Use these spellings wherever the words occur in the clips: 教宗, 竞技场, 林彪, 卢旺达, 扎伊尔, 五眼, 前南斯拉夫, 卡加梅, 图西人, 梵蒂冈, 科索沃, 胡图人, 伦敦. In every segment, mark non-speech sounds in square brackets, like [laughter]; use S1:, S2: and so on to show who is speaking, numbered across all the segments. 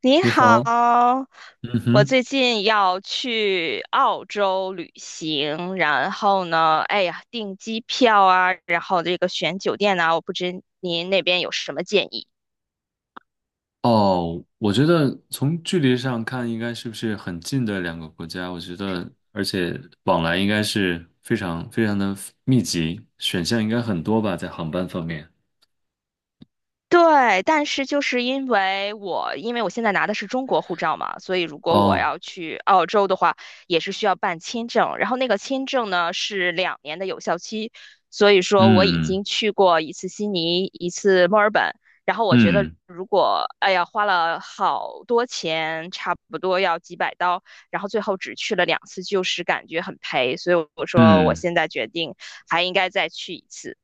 S1: 你
S2: 你好。
S1: 好，
S2: 嗯
S1: 我
S2: 哼。
S1: 最近要去澳洲旅行，然后呢，哎呀，订机票啊，然后这个选酒店呐，我不知您那边有什么建议？
S2: 哦，我觉得从距离上看，应该是不是很近的两个国家？我觉得，而且往来应该是非常非常的密集，选项应该很多吧，在航班方面。
S1: 对，但是就是因为我现在拿的是中国护照嘛，所以如果我
S2: 哦。
S1: 要去澳洲的话，也是需要办签证。然后那个签证呢是2年的有效期，所以说我已
S2: 嗯。
S1: 经去过一次悉尼，一次墨尔本。然后我觉得
S2: 嗯
S1: 如果，哎呀，花了好多钱，差不多要几百刀，然后最后只去了2次，就是感觉很赔。所以我说我
S2: 嗯，
S1: 现在决定还应该再去一次。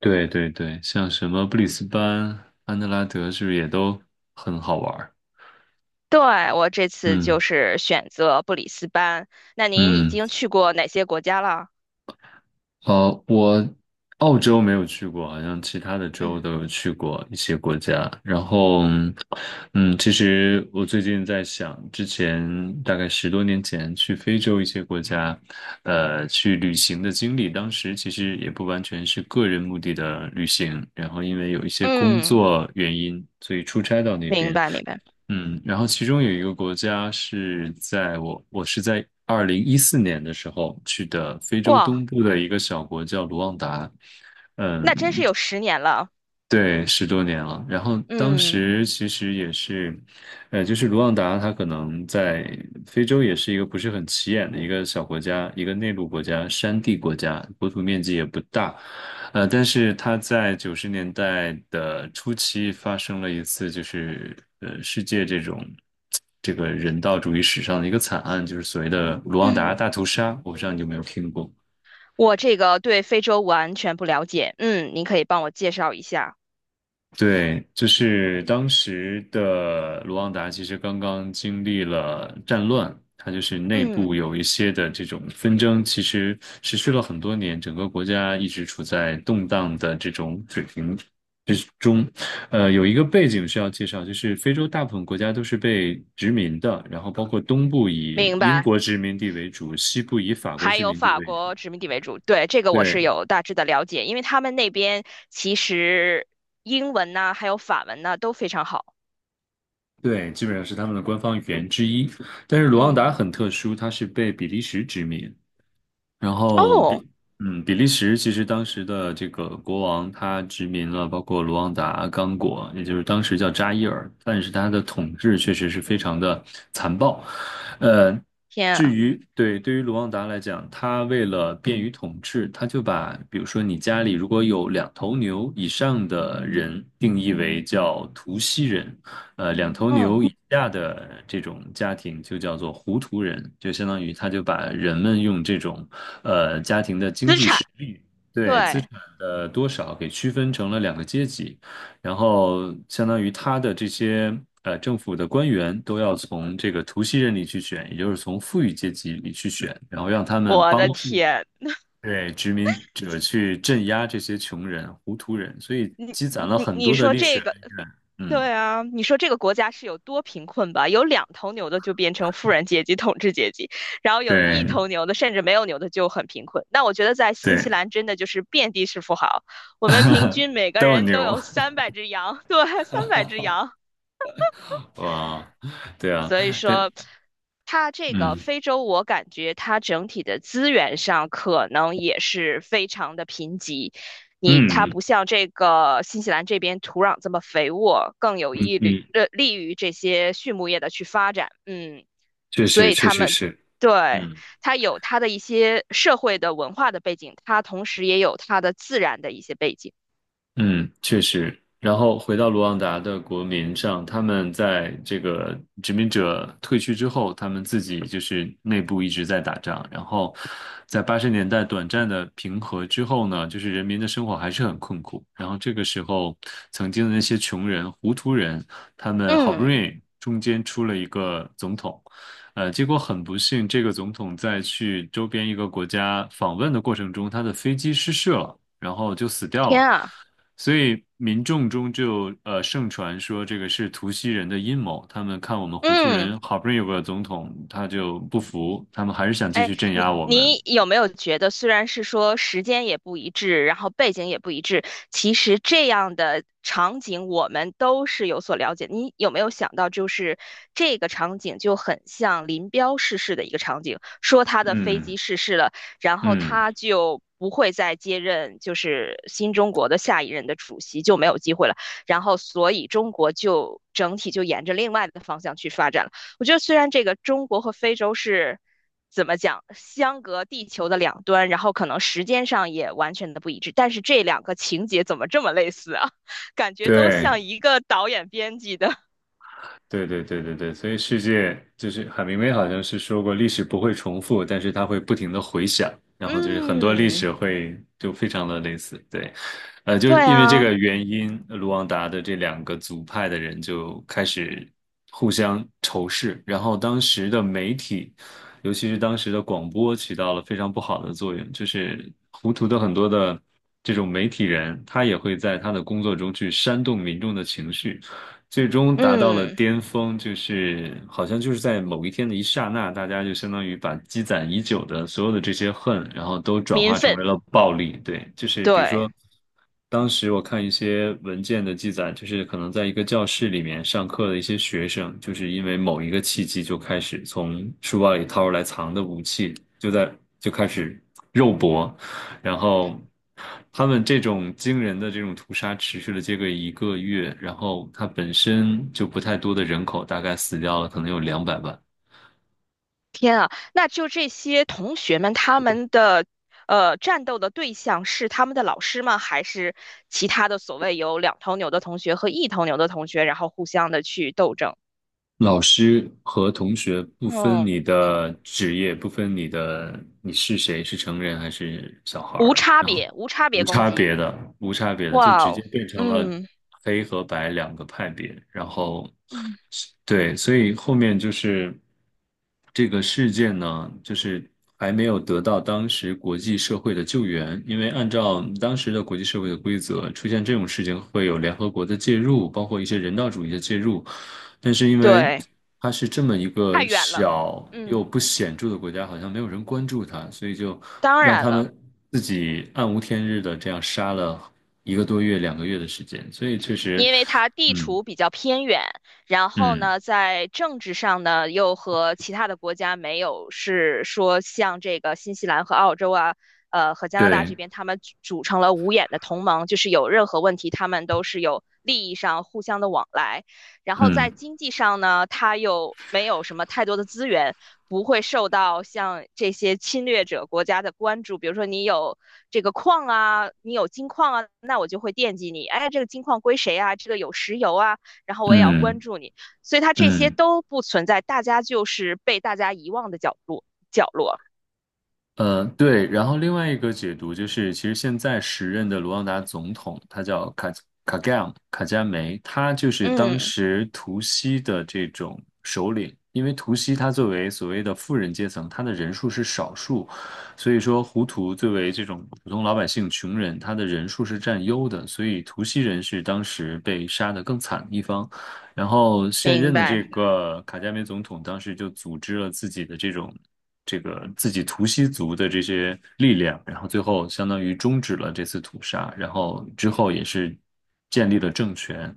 S2: 对对对，像什么布里斯班、安德拉德，是不是也都很好玩儿。
S1: 对，我这次
S2: 嗯
S1: 就是选择布里斯班。那您已
S2: 嗯。
S1: 经去过哪些国家了？
S2: 我澳洲没有去过，好像其他的州
S1: 嗯
S2: 都有去过一些国家。然后，嗯，其实我最近在想，之前大概十多年前去非洲一些国家，去旅行的经历，当时其实也不完全是个人目的的旅行，然后因为有一些工
S1: 嗯，
S2: 作原因，所以出差到那
S1: 明
S2: 边。
S1: 白明白。
S2: 嗯，然后其中有一个国家是在我是在2014年的时候去的非洲
S1: 哇，
S2: 东部的一个小国叫卢旺达。嗯。
S1: 那真是有10年了。
S2: 对，十多年了。然后当
S1: 嗯
S2: 时其实也是，就是卢旺达，它可能在非洲也是一个不是很起眼的一个小国家，一个内陆国家、山地国家，国土面积也不大。但是它在90年代的初期发生了一次，就是世界这种这个人道主义史上的一个惨案，就是所谓的卢旺
S1: 嗯，
S2: 达大屠杀。我不知道你有没有听过。
S1: 我这个对非洲完全不了解。嗯，您可以帮我介绍一下。
S2: 对，就是当时的卢旺达其实刚刚经历了战乱，它就是内部
S1: 嗯，
S2: 有一些的这种纷争，其实持续了很多年，整个国家一直处在动荡的这种水平。有一个背景需要介绍，就是非洲大部分国家都是被殖民的，然后包括东部以
S1: 明
S2: 英
S1: 白。
S2: 国殖民地为主，西部以法国
S1: 还
S2: 殖
S1: 有
S2: 民地
S1: 法
S2: 为
S1: 国
S2: 主。
S1: 殖民地为主，对，这个我是
S2: 对。
S1: 有大致的了解，因为他们那边其实英文呐，还有法文呐，都非常好。
S2: 对，基本上是他们的官方语言之一。但是卢旺达
S1: 嗯，
S2: 很特殊，它是被比利时殖民。然后
S1: 哦，
S2: 比嗯，比利时其实当时的这个国王他殖民了包括卢旺达、刚果，也就是当时叫扎伊尔，但是他的统治确实是非常的残暴。呃，
S1: 天
S2: 至
S1: 啊，
S2: 于对对于卢旺达来讲，他为了便于统治，他就把比如说你家里如果有两头牛以上的人定义为叫图西人，两头
S1: 嗯，
S2: 牛以下的这种家庭就叫做胡图人，就相当于他就把人们用这种。
S1: 资产。
S2: 对，资
S1: 对，
S2: 产的多少给区分成了两个阶级，然后相当于他的这些政府的官员都要从这个图西人里去选，也就是从富裕阶级里去选，然后让他们
S1: 我的
S2: 帮助
S1: 天，
S2: 对殖民者去镇压这些穷人、糊涂人，所以
S1: 你
S2: 积攒了
S1: 你
S2: 很
S1: 你
S2: 多的
S1: 说
S2: 历史。
S1: 这个，
S2: 嗯。
S1: 对啊，你说这个国家是有多贫困吧？有两头牛的就变成富人阶级、统治阶级，然后有一
S2: 对
S1: 头牛的甚至没有牛的就很贫困。那我觉得在新西
S2: 对。
S1: 兰真的就是遍地是富豪，我们平均每个
S2: 斗
S1: 人都
S2: 牛。
S1: 有三百只羊，对，三百只羊。
S2: [laughs] 哇。对啊。
S1: 所以
S2: 对。
S1: 说，它这个
S2: 嗯。
S1: 非洲，我感觉它整体的资源上可能也是非常的贫瘠。你它
S2: 嗯
S1: 不像这个新西兰这边土壤这么肥沃，更有益于
S2: 嗯，
S1: 利于这些畜牧业的去发展。嗯，
S2: 确
S1: 所
S2: 实
S1: 以
S2: 确
S1: 他
S2: 实
S1: 们
S2: 是。
S1: 对
S2: 嗯。
S1: 它有它的一些社会的文化的背景，它同时也有它的自然的一些背景。
S2: 嗯，确实。然后回到卢旺达的国民上，他们在这个殖民者退去之后，他们自己就是内部一直在打仗。然后在80年代短暂的平和之后呢，就是人民的生活还是很困苦。然后这个时候，曾经的那些穷人、糊涂人，他们好不容
S1: 嗯，
S2: 易中间出了一个总统，结果很不幸，这个总统在去周边一个国家访问的过程中，他的飞机失事了，然后就死掉
S1: 天
S2: 了。
S1: 啊，
S2: 所以民众中就盛传说这个是图西人的阴谋，他们看我们胡图
S1: 嗯。
S2: 人好不容易有个总统，他就不服，他们还是想继
S1: 哎，
S2: 续镇
S1: 你
S2: 压我们。
S1: 你有没有觉得，虽然是说时间也不一致，然后背景也不一致，其实这样的场景我们都是有所了解。你有没有想到，就是这个场景就很像林彪逝世的一个场景，说他的飞
S2: 嗯
S1: 机逝世了，然后
S2: 嗯。
S1: 他就不会再接任就是新中国的下一任的主席，就没有机会了。然后所以中国就整体就沿着另外的方向去发展了。我觉得虽然这个中国和非洲是怎么讲，相隔地球的两端，然后可能时间上也完全的不一致，但是这两个情节怎么这么类似啊？[laughs] 感觉都
S2: 对，
S1: 像一个导演编辑的。
S2: 对对对对对，所以世界就是海明威好像是说过，历史不会重复，但是它会不停的回响，然后就是很多历
S1: 嗯，
S2: 史会就非常的类似。对。就是
S1: 对
S2: 因为这
S1: 啊，
S2: 个原因，卢旺达的这两个族派的人就开始互相仇视，然后当时的媒体，尤其是当时的广播起到了非常不好的作用，就是糊涂的很多的这种媒体人，他也会在他的工作中去煽动民众的情绪。最终达到了
S1: 嗯，
S2: 巅峰，就是好像就是在某一天的一刹那，大家就相当于把积攒已久的所有的这些恨，然后都转
S1: 民
S2: 化成
S1: 愤，
S2: 为了暴力。对，就是比如
S1: 对。
S2: 说，当时我看一些文件的记载，就是可能在一个教室里面上课的一些学生，就是因为某一个契机就开始从书包里掏出来藏的武器，就在就开始肉搏。然后他们这种惊人的这种屠杀持续了这个一个月，然后它本身就不太多的人口，大概死掉了可能有200万。
S1: 那就这些同学们，他们的战斗的对象是他们的老师吗？还是其他的所谓有两头牛的同学和一头牛的同学，然后互相的去斗争？
S2: 老师和同学不分
S1: 嗯。
S2: 你
S1: 嗯。
S2: 的职业，不分你是谁，是成人还是小孩
S1: 无
S2: 儿，
S1: 差
S2: 然后
S1: 别，无差别
S2: 无
S1: 攻
S2: 差
S1: 击。
S2: 别的，无差别的就
S1: 哇
S2: 直接
S1: 哦，
S2: 变成了
S1: 嗯
S2: 黑和白两个派别，然后。
S1: 嗯，
S2: 对，所以后面就是这个事件呢，就是还没有得到当时国际社会的救援，因为按照当时的国际社会的规则，出现这种事情会有联合国的介入，包括一些人道主义的介入。但是因为
S1: 对，
S2: 它是这么一
S1: 太
S2: 个
S1: 远了，
S2: 小又
S1: 嗯，
S2: 不显著的国家，好像没有人关注它，所以就
S1: 当
S2: 让
S1: 然
S2: 他
S1: 了。
S2: 们自己暗无天日的这样杀了一个多月、两个月的时间。所以确实。
S1: 因为它地
S2: 嗯。
S1: 处比较偏远，然后
S2: 嗯，
S1: 呢，在政治上呢，又和其他的国家没有是说像这个新西兰和澳洲啊，和加拿大
S2: 对。
S1: 这边，他们组成了五眼的同盟，就是有任何问题，他们都是有利益上互相的往来。然后在
S2: 嗯
S1: 经济上呢，它又没有什么太多的资源，不会受到像这些侵略者国家的关注。比如说，你有这个矿啊，你有金矿啊，那我就会惦记你。哎，这个金矿归谁啊？这个有石油啊，然后我也要关
S2: 嗯
S1: 注你。所以它这些
S2: 嗯。
S1: 都不存在，大家就是被大家遗忘的角落。
S2: 对，然后另外一个解读就是，其实现在时任的卢旺达总统，他叫卡加梅，他就是当
S1: 嗯，
S2: 时图西的这种首领。因为图西他作为所谓的富人阶层，他的人数是少数，所以说胡图作为这种普通老百姓、穷人，他的人数是占优的，所以图西人是当时被杀得更惨的一方。然后现
S1: 明
S2: 任的这
S1: 白。
S2: 个卡加梅总统当时就组织了自己的这种。这个自己图西族的这些力量，然后最后相当于终止了这次屠杀，然后之后也是建立了政权。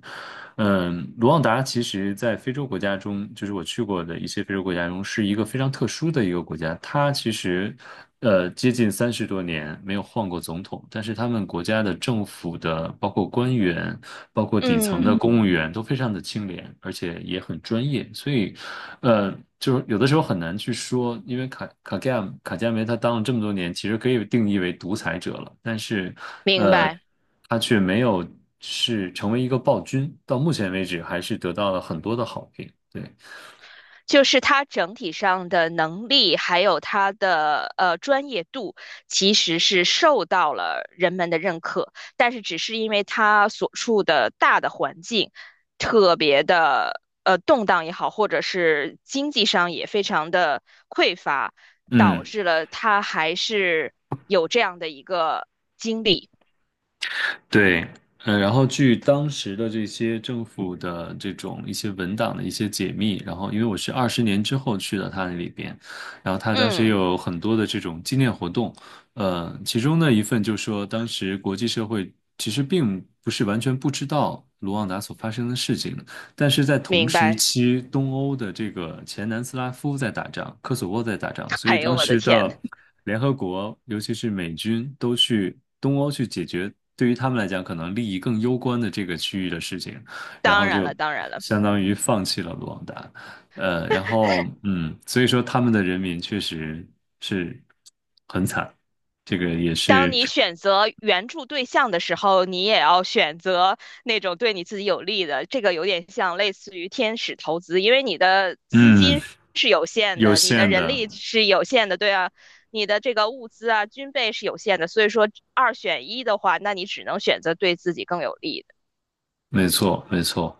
S2: 嗯，卢旺达其实在非洲国家中，就是我去过的一些非洲国家中，是一个非常特殊的一个国家。它其实，接近30多年没有换过总统，但是他们国家的政府的，包括官员，包括底层的
S1: 嗯，
S2: 公务员，都非常的清廉，而且也很专业。所以呃，就是有的时候很难去说，因为卡加梅他当了这么多年，其实可以定义为独裁者了，但是，
S1: 明
S2: 呃，
S1: 白。
S2: 他却没有是成为一个暴君，到目前为止还是得到了很多的好评。对。
S1: 就是他整体上的能力，还有他的专业度，其实是受到了人们的认可，但是只是因为他所处的大的环境特别的动荡也好，或者是经济上也非常的匮乏，导
S2: 嗯。
S1: 致了他还是有这样的一个经历。
S2: 对，然后据当时的这些政府的这种一些文档的一些解密，然后因为我是20年之后去了他那里边，然后他当时
S1: 嗯，
S2: 有很多的这种纪念活动，其中的一份就说当时国际社会其实并不是完全不知道卢旺达所发生的事情，但是在同
S1: 明
S2: 时
S1: 白。
S2: 期，东欧的这个前南斯拉夫在打仗，科索沃在打仗，
S1: [laughs]
S2: 所以
S1: 哎呦，
S2: 当
S1: 我的
S2: 时
S1: 天！
S2: 的。联合国，尤其是美军，都去东欧去解决对于他们来讲可能利益更攸关的这个区域的事情，然
S1: 当
S2: 后
S1: 然
S2: 就
S1: 了，当然了。
S2: 相当于放弃了卢旺达。所以说他们的人民确实是很惨，这个也
S1: 当
S2: 是
S1: 你选择援助对象的时候，你也要选择那种对你自己有利的。这个有点像类似于天使投资，因为你的资
S2: 嗯
S1: 金是有限
S2: 有
S1: 的，你的
S2: 限
S1: 人
S2: 的。
S1: 力是有限的，对啊，你的这个物资啊、军备是有限的。所以说二选一的话，那你只能选择对自己更有利的。
S2: 没错，没错。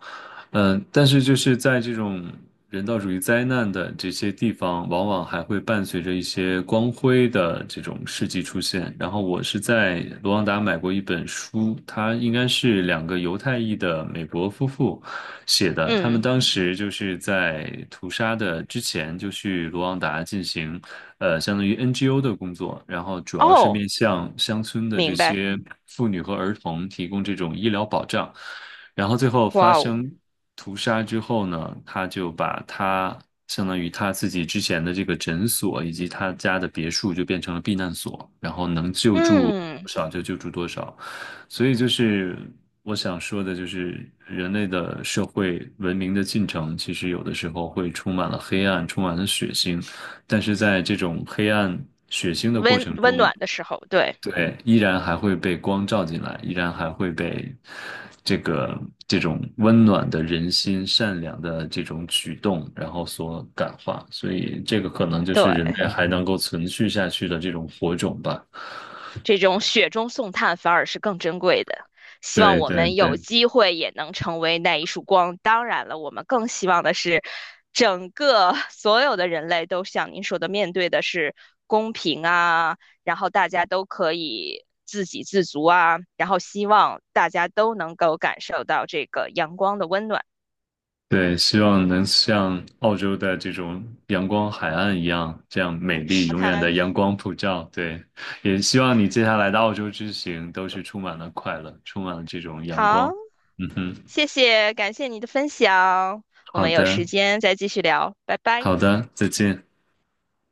S2: 嗯，但是就是在这种人道主义灾难的这些地方，往往还会伴随着一些光辉的这种事迹出现。然后我是在卢旺达买过一本书，它应该是两个犹太裔的美国夫妇写的，他们
S1: 嗯，
S2: 当时就是在屠杀的之前就去卢旺达进行，相当于 NGO 的工作，然后主要是
S1: 哦，
S2: 面向乡村的这
S1: 明白，
S2: 些妇女和儿童提供这种医疗保障。然后最后发
S1: 哇哦，
S2: 生屠杀之后呢，他就相当于他自己之前的这个诊所以及他家的别墅就变成了避难所，然后能救助多
S1: 嗯，
S2: 少就救助多少。所以就是我想说的，就是人类的社会文明的进程，其实有的时候会充满了黑暗，充满了血腥，但是在这种黑暗血腥的过
S1: 温
S2: 程
S1: 温
S2: 中，
S1: 暖的时候，对
S2: 对，依然还会被光照进来，依然还会被这个这种温暖的人心、善良的这种举动，然后所感化。所以，这个可能就是
S1: 对。
S2: 人类还能够存续下去的这种火种吧。
S1: 这种雪中送炭反而是更珍贵的。希望
S2: 对
S1: 我
S2: 对
S1: 们有
S2: 对
S1: 机会也能成为那一束光。当然了，我们更希望的是，整个 [laughs] 所有的人类都像您说的，面对的是公平啊，然后大家都可以自给自足啊，然后希望大家都能够感受到这个阳光的温暖。
S2: 对，希望能像澳洲的这种阳光海岸一样，这样美丽永远的阳
S1: 好
S2: 光普照。对，也希望你接下来的澳洲之行都是充满了快乐，充满了这种阳
S1: 好，
S2: 光。嗯哼。
S1: 谢谢，感谢你的分享，我
S2: 好
S1: 们有
S2: 的。
S1: 时间再继续聊，拜拜。
S2: 好的，再见。